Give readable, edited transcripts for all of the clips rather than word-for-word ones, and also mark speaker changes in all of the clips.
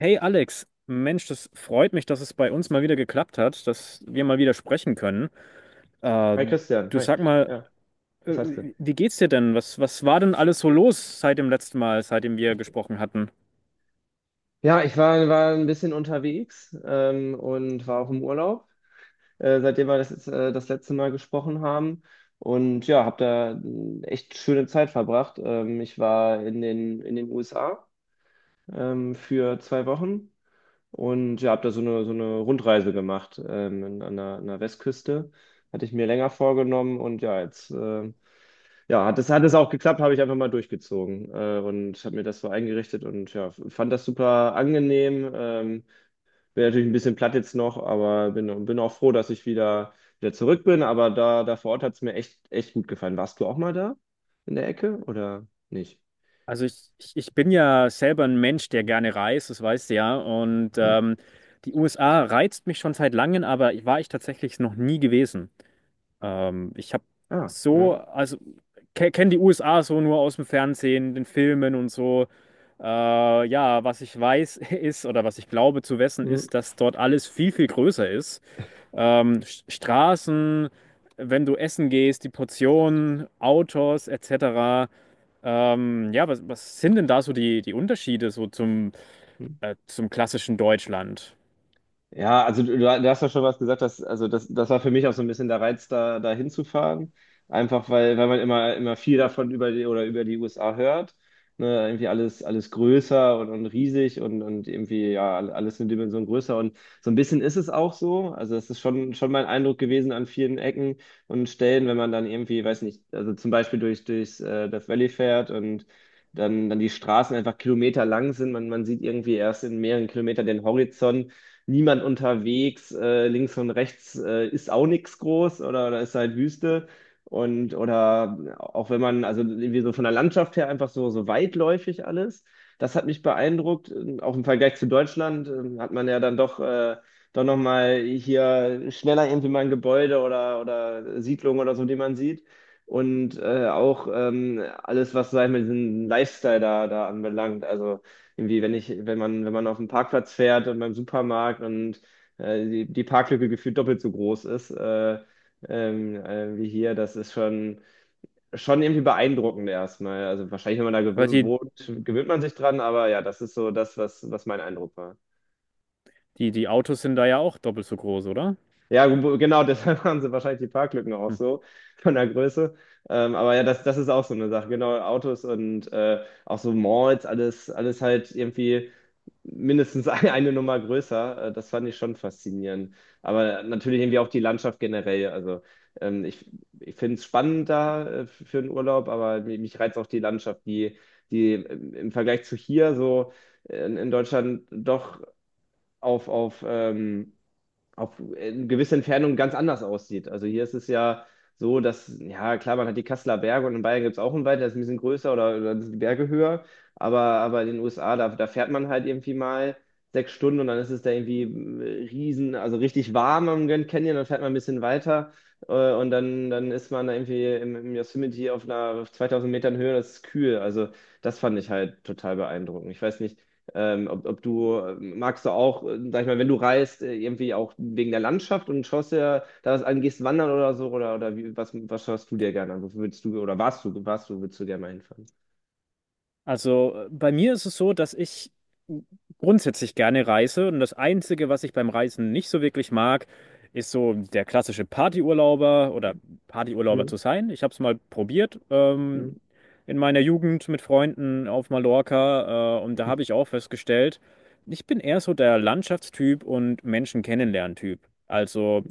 Speaker 1: Hey Alex, Mensch, das freut mich, dass es bei uns mal wieder geklappt hat, dass wir mal wieder sprechen können. Äh,
Speaker 2: Hi Christian,
Speaker 1: Du
Speaker 2: hi.
Speaker 1: sag mal,
Speaker 2: Ja, was hast du?
Speaker 1: wie geht's dir denn? Was war denn alles so los seit dem letzten Mal, seitdem wir gesprochen hatten?
Speaker 2: Ja, ich war ein bisschen unterwegs und war auch im Urlaub, seitdem wir das letzte Mal gesprochen haben. Und ja, habe da echt schöne Zeit verbracht. Ich war in den USA für 2 Wochen und ja, habe da so eine Rundreise gemacht an der Westküste. Hatte ich mir länger vorgenommen und ja, jetzt Ja, hat das hat es auch geklappt, habe ich einfach mal durchgezogen und habe mir das so eingerichtet und ja, fand das super angenehm. Bin natürlich ein bisschen platt jetzt noch, aber bin auch froh, dass ich wieder zurück bin. Aber da vor Ort hat es mir echt, echt gut gefallen. Warst du auch mal da in der Ecke oder nicht?
Speaker 1: Also ich bin ja selber ein Mensch, der gerne reist, das weißt du ja. Und
Speaker 2: Hm.
Speaker 1: die USA reizt mich schon seit langem, aber war ich tatsächlich noch nie gewesen. Ich habe
Speaker 2: Ah,
Speaker 1: so,
Speaker 2: ja.
Speaker 1: also kenne die USA so nur aus dem Fernsehen, den Filmen und so. Ja, was ich weiß ist oder was ich glaube zu wissen
Speaker 2: Hm.
Speaker 1: ist, dass dort alles viel größer ist. Straßen, wenn du essen gehst, die Portionen, Autos etc. Ja, was sind denn da so die Unterschiede so zum,
Speaker 2: Hm.
Speaker 1: äh, zum klassischen Deutschland?
Speaker 2: Ja, also du hast ja schon was gesagt, dass, also das war für mich auch so ein bisschen der Reiz, da hinzufahren. Einfach weil man immer viel davon über die USA hört. Ne, irgendwie alles größer und riesig und irgendwie ja alles eine Dimension größer. Und so ein bisschen ist es auch so. Also das ist schon mein Eindruck gewesen an vielen Ecken und Stellen, wenn man dann irgendwie, weiß nicht, also zum Beispiel durchs Death Valley fährt und dann die Straßen einfach kilometerlang sind. Man sieht irgendwie erst in mehreren Kilometern den Horizont, niemand unterwegs, links und rechts ist auch nichts groß, oder ist halt Wüste. Und oder auch wenn man, also irgendwie so von der Landschaft her einfach so, so weitläufig alles. Das hat mich beeindruckt. Auch im Vergleich zu Deutschland hat man ja dann doch nochmal hier schneller irgendwie mal ein Gebäude oder Siedlung oder so, die man sieht. Und auch alles, was, sag ich mal, diesen Lifestyle da anbelangt. Also irgendwie, wenn man auf den Parkplatz fährt und beim Supermarkt und die Parklücke gefühlt doppelt so groß ist, wie hier, das ist schon irgendwie beeindruckend erstmal. Also wahrscheinlich, wenn man da
Speaker 1: Weil die,
Speaker 2: wohnt, gewöhnt man sich dran, aber ja, das ist so das, was mein Eindruck war.
Speaker 1: die, die Autos sind da ja auch doppelt so groß, oder?
Speaker 2: Ja, genau, deshalb haben sie wahrscheinlich die Parklücken auch
Speaker 1: Hm.
Speaker 2: so von der Größe. Aber ja, das ist auch so eine Sache. Genau, Autos und auch so Malls, alles halt irgendwie. Mindestens eine Nummer größer. Das fand ich schon faszinierend. Aber natürlich irgendwie auch die Landschaft generell. Also ähm, ich, ich finde es spannend da für einen Urlaub, aber mich reizt auch die Landschaft, die im Vergleich zu hier so in Deutschland doch auf, auf ähm, auf in gewisser Entfernung ganz anders aussieht. Also hier ist es ja so, dass, ja klar, man hat die Kasseler Berge und in Bayern gibt es auch einen Wald, der ist ein bisschen größer, oder sind die Berge höher, aber in den USA, da fährt man halt irgendwie mal 6 Stunden und dann ist es da irgendwie riesen, also richtig warm am Grand Canyon, dann fährt man ein bisschen weiter und dann ist man da irgendwie im Yosemite auf 2000 Metern Höhe, das ist kühl. Also das fand ich halt total beeindruckend. Ich weiß nicht, magst du auch, sag ich mal, wenn du reist, irgendwie auch wegen der Landschaft und schaust dir da was an, gehst wandern oder so, oder wie, was schaust du dir gerne an? Wofür willst du, oder warst du, willst du gerne mal hinfahren?
Speaker 1: Also bei mir ist es so, dass ich grundsätzlich gerne reise und das Einzige, was ich beim Reisen nicht so wirklich mag, ist so der klassische Partyurlauber oder Partyurlauber
Speaker 2: Hm,
Speaker 1: zu sein. Ich habe es mal probiert,
Speaker 2: hm,
Speaker 1: in meiner Jugend mit Freunden auf Mallorca, und da habe ich auch festgestellt, ich bin eher so der Landschaftstyp und Menschen kennenlernen-Typ. Also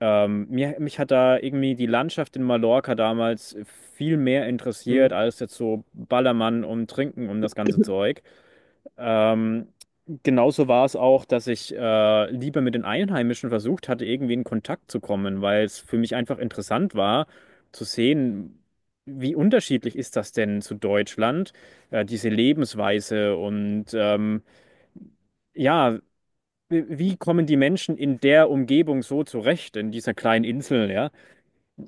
Speaker 1: mich hat da irgendwie die Landschaft in Mallorca damals viel mehr interessiert
Speaker 2: hm,
Speaker 1: als jetzt so Ballermann und Trinken und das ganze Zeug. Ähm, Genauso war es auch, dass ich lieber mit den Einheimischen versucht hatte, irgendwie in Kontakt zu kommen, weil es für mich einfach interessant war, zu sehen, wie unterschiedlich ist das denn zu Deutschland, diese Lebensweise, und ja, wie kommen die Menschen in der Umgebung so zurecht, in dieser kleinen Insel, ja?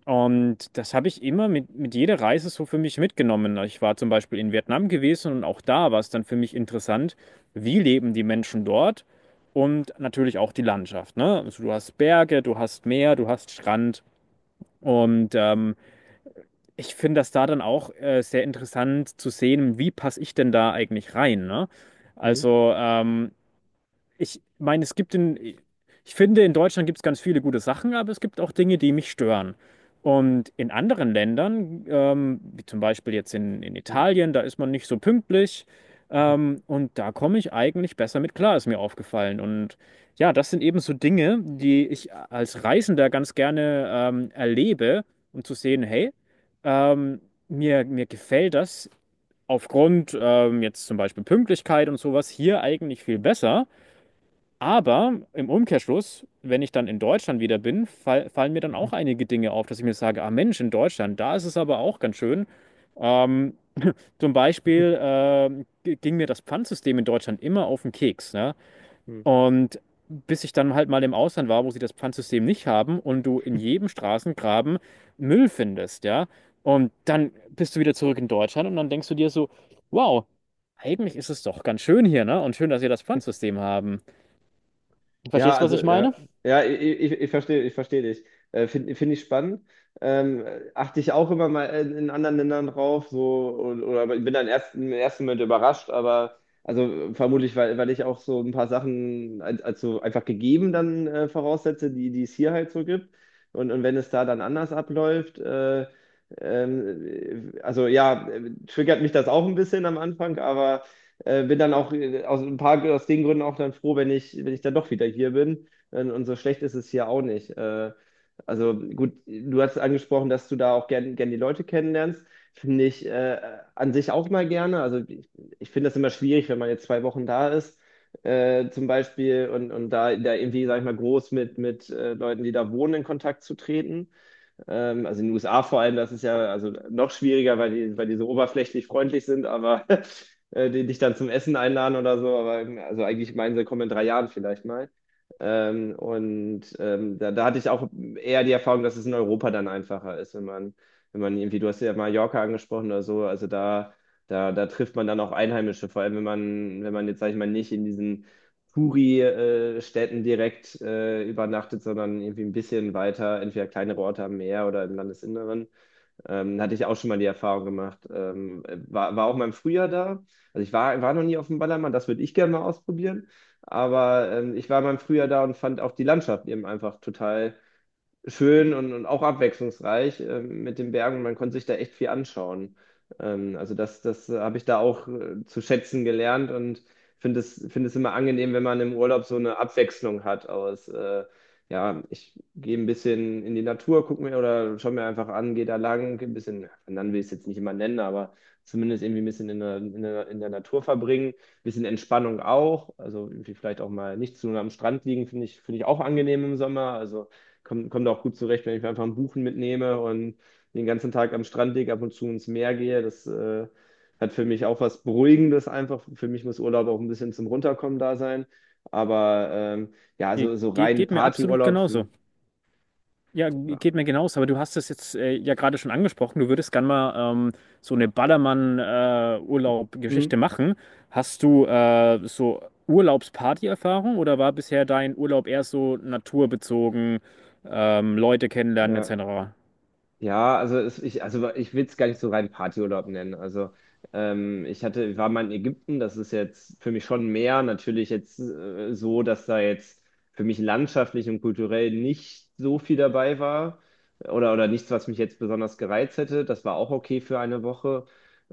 Speaker 1: Und das habe ich immer mit jeder Reise so für mich mitgenommen. Ich war zum Beispiel in Vietnam gewesen und auch da war es dann für mich interessant, wie leben die Menschen dort, und natürlich auch die Landschaft, ne? Also du hast Berge, du hast Meer, du hast Strand, und ich finde das da dann auch sehr interessant zu sehen, wie passe ich denn da eigentlich rein, ne?
Speaker 2: hm,
Speaker 1: Also ich meine, ich finde, in Deutschland gibt es ganz viele gute Sachen, aber es gibt auch Dinge, die mich stören. Und in anderen Ländern, wie zum Beispiel jetzt in
Speaker 2: hm,
Speaker 1: Italien, da ist man nicht so pünktlich.
Speaker 2: hm,
Speaker 1: Und da komme ich eigentlich besser mit klar, ist mir aufgefallen. Und ja, das sind eben so Dinge, die ich als Reisender ganz gerne erlebe, um zu sehen, hey, ähm, mir gefällt das aufgrund jetzt zum Beispiel Pünktlichkeit und sowas hier eigentlich viel besser. Aber im Umkehrschluss, wenn ich dann in Deutschland wieder bin, fallen mir dann
Speaker 2: hm.
Speaker 1: auch einige Dinge auf, dass ich mir sage, ah Mensch, in Deutschland, da ist es aber auch ganz schön. Ähm, Zum Beispiel ging mir das Pfandsystem in Deutschland immer auf den Keks, ne?
Speaker 2: Hm.
Speaker 1: Und bis ich dann halt mal im Ausland war, wo sie das Pfandsystem nicht haben und du in jedem Straßengraben Müll findest, ja? Und dann bist du wieder zurück in Deutschland und dann denkst du dir so, wow, eigentlich ist es doch ganz schön hier, ne? Und schön, dass wir das Pfandsystem haben.
Speaker 2: Ja,
Speaker 1: Verstehst du, was
Speaker 2: also
Speaker 1: ich
Speaker 2: ja,
Speaker 1: meine?
Speaker 2: ja, ich verstehe dich. Find ich spannend. Achte ich auch immer mal in anderen Ländern drauf, so oder bin dann erst im ersten Moment überrascht, aber also vermutlich, weil ich auch so ein paar Sachen als so einfach gegeben dann voraussetze, die es hier halt so gibt. Und wenn es da dann anders abläuft, also ja, triggert mich das auch ein bisschen am Anfang, aber bin dann auch aus ein paar aus den Gründen auch dann froh, wenn ich dann doch wieder hier bin. Und so schlecht ist es hier auch nicht. Also gut, du hast angesprochen, dass du da auch gern, gern die Leute kennenlernst. Finde ich an sich auch mal gerne. Also ich finde das immer schwierig, wenn man jetzt 2 Wochen da ist, zum Beispiel, und da irgendwie, sag ich mal, groß mit Leuten, die da wohnen, in Kontakt zu treten. Also in den USA vor allem, das ist ja also noch schwieriger, weil die so oberflächlich freundlich sind, aber die dich dann zum Essen einladen oder so. Aber also eigentlich meinen sie, komm in 3 Jahren vielleicht mal. Da hatte ich auch eher die Erfahrung, dass es in Europa dann einfacher ist, wenn man irgendwie, du hast ja Mallorca angesprochen oder so, also da trifft man dann auch Einheimische, vor allem wenn man jetzt, sag ich mal, nicht in diesen Touri-Städten direkt übernachtet, sondern irgendwie ein bisschen weiter, entweder kleinere Orte am Meer oder im Landesinneren. Hatte ich auch schon mal die Erfahrung gemacht. War auch mal im Frühjahr da. Also ich war noch nie auf dem Ballermann, das würde ich gerne mal ausprobieren. Aber ich war mal im Frühjahr da und fand auch die Landschaft eben einfach total schön und auch abwechslungsreich mit den Bergen. Man konnte sich da echt viel anschauen. Also das habe ich da auch zu schätzen gelernt und finde es immer angenehm, wenn man im Urlaub so eine Abwechslung hat aus, ja, ich gehe ein bisschen in die Natur, gucke mir oder schau mir einfach an, gehe da lang, ein bisschen, dann will ich es jetzt nicht immer nennen, aber zumindest irgendwie ein bisschen in der Natur verbringen, ein bisschen Entspannung auch, also irgendwie vielleicht auch mal nicht zu lange am Strand liegen, finde ich auch angenehm im Sommer, also komm da auch gut zurecht, wenn ich mir einfach ein Buchen mitnehme und den ganzen Tag am Strand liege, ab und zu ins Meer gehe. Das hat für mich auch was Beruhigendes einfach. Für mich muss Urlaub auch ein bisschen zum Runterkommen da sein. Aber ja,
Speaker 1: Ge
Speaker 2: so, so
Speaker 1: ge
Speaker 2: rein
Speaker 1: Geht mir absolut
Speaker 2: Partyurlaub,
Speaker 1: genauso.
Speaker 2: hm,
Speaker 1: Ja,
Speaker 2: ja.
Speaker 1: geht mir genauso. Aber du hast es jetzt, ja, gerade schon angesprochen. Du würdest gern mal so eine
Speaker 2: Hm,
Speaker 1: Ballermann-Urlaub-Geschichte machen. Hast du so Urlaubsparty-Erfahrung oder war bisher dein Urlaub eher so naturbezogen, Leute kennenlernen
Speaker 2: ja.
Speaker 1: etc.?
Speaker 2: Ja, also also ich will es gar nicht so rein Partyurlaub nennen. Also ich war mal in Ägypten, das ist jetzt für mich schon mehr natürlich jetzt so, dass da jetzt für mich landschaftlich und kulturell nicht so viel dabei war oder nichts, was mich jetzt besonders gereizt hätte. Das war auch okay für eine Woche,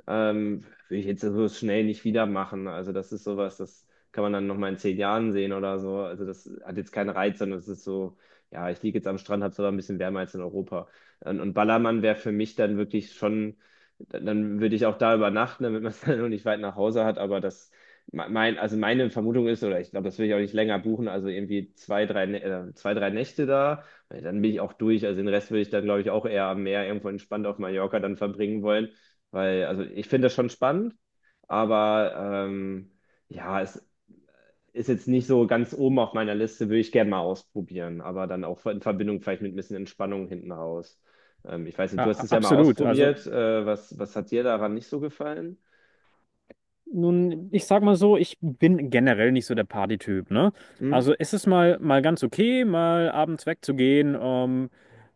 Speaker 2: würde ich jetzt so schnell nicht wieder machen. Also das ist sowas, das kann man dann noch mal in 10 Jahren sehen oder so. Also das hat jetzt keinen Reiz, sondern es ist so, ja, ich liege jetzt am Strand, habe es aber ein bisschen wärmer als in Europa. Und Ballermann wäre für mich dann wirklich schon, dann würde ich auch da übernachten, damit man es dann noch nicht weit nach Hause hat. Aber das, mein, also meine Vermutung ist, oder ich glaube, das will ich auch nicht länger buchen, also irgendwie zwei, drei Nächte da. Weil dann bin ich auch durch. Also den Rest würde ich dann, glaube ich, auch eher am Meer irgendwo entspannt auf Mallorca dann verbringen wollen. Weil, also ich finde das schon spannend, aber ähm, ja, es ist jetzt nicht so ganz oben auf meiner Liste, würde ich gerne mal ausprobieren, aber dann auch in Verbindung vielleicht mit ein bisschen Entspannung hinten raus. Ich weiß nicht,
Speaker 1: Ja,
Speaker 2: du hast es ja mal
Speaker 1: absolut.
Speaker 2: ausprobiert. Was hat dir daran nicht so gefallen?
Speaker 1: Nun, ich sag mal so, ich bin generell nicht so der Partytyp, ne?
Speaker 2: Hm?
Speaker 1: Also es ist mal ganz okay, mal abends wegzugehen,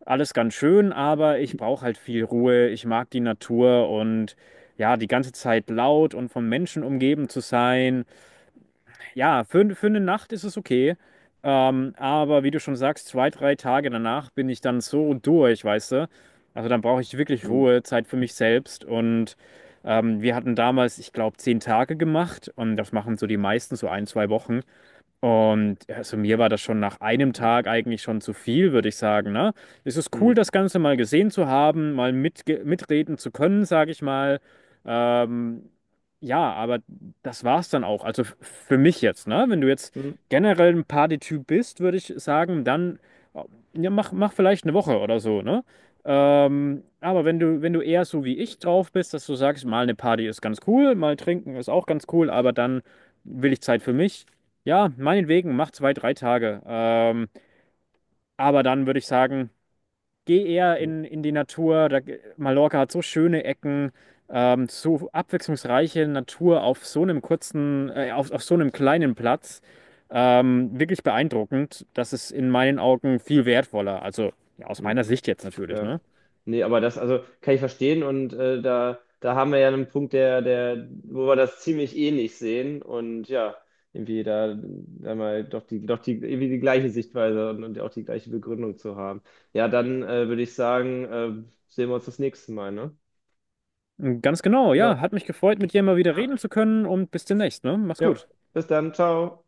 Speaker 1: alles ganz schön, aber ich brauche halt viel Ruhe, ich mag die Natur, und ja, die ganze Zeit laut und von Menschen umgeben zu sein. Ja, für eine Nacht ist es okay. Aber wie du schon sagst, zwei, drei Tage danach bin ich dann so durch, weißt du? Also dann brauche ich wirklich
Speaker 2: Hm,
Speaker 1: Ruhe, Zeit für mich selbst. Und wir hatten damals, ich glaube, zehn Tage gemacht. Und das machen so die meisten, so ein, zwei Wochen. Und ja, also mir war das schon nach einem
Speaker 2: hm,
Speaker 1: Tag eigentlich schon zu viel, würde ich sagen, ne? Es ist cool,
Speaker 2: hm,
Speaker 1: das Ganze mal gesehen zu haben, mal mitreden zu können, sage ich mal. Ähm, ja, aber das war's dann auch. Also für mich jetzt, ne? Wenn du jetzt
Speaker 2: hm,
Speaker 1: generell ein Partytyp bist, würde ich sagen, dann äh, ja, mach vielleicht eine Woche oder so, ne? Aber wenn du, wenn du eher so wie ich drauf bist, dass du sagst, mal eine Party ist ganz cool, mal trinken ist auch ganz cool, aber dann will ich Zeit für mich, ja, meinetwegen, mach zwei, drei Tage. Aber dann würde ich sagen, geh eher
Speaker 2: hm,
Speaker 1: in die Natur. Da, Mallorca hat so schöne Ecken, so abwechslungsreiche Natur auf so einem kurzen, auf so einem kleinen Platz. Wirklich beeindruckend. Das ist in meinen Augen viel wertvoller. Also ja, aus
Speaker 2: hm.
Speaker 1: meiner Sicht jetzt natürlich,
Speaker 2: Ja.
Speaker 1: ne?
Speaker 2: Nee, aber das, also kann ich verstehen und da haben wir ja einen Punkt, der, wo wir das ziemlich ähnlich sehen und ja, irgendwie da mal irgendwie die gleiche Sichtweise und auch die gleiche Begründung zu haben. Ja, dann würde ich sagen, sehen wir uns das nächste Mal, ne?
Speaker 1: Ganz genau,
Speaker 2: Ja,
Speaker 1: ja. Hat mich gefreut, mit dir mal wieder reden
Speaker 2: ja,
Speaker 1: zu können, und bis demnächst, ne? Mach's
Speaker 2: ja.
Speaker 1: gut.
Speaker 2: Bis dann, ciao.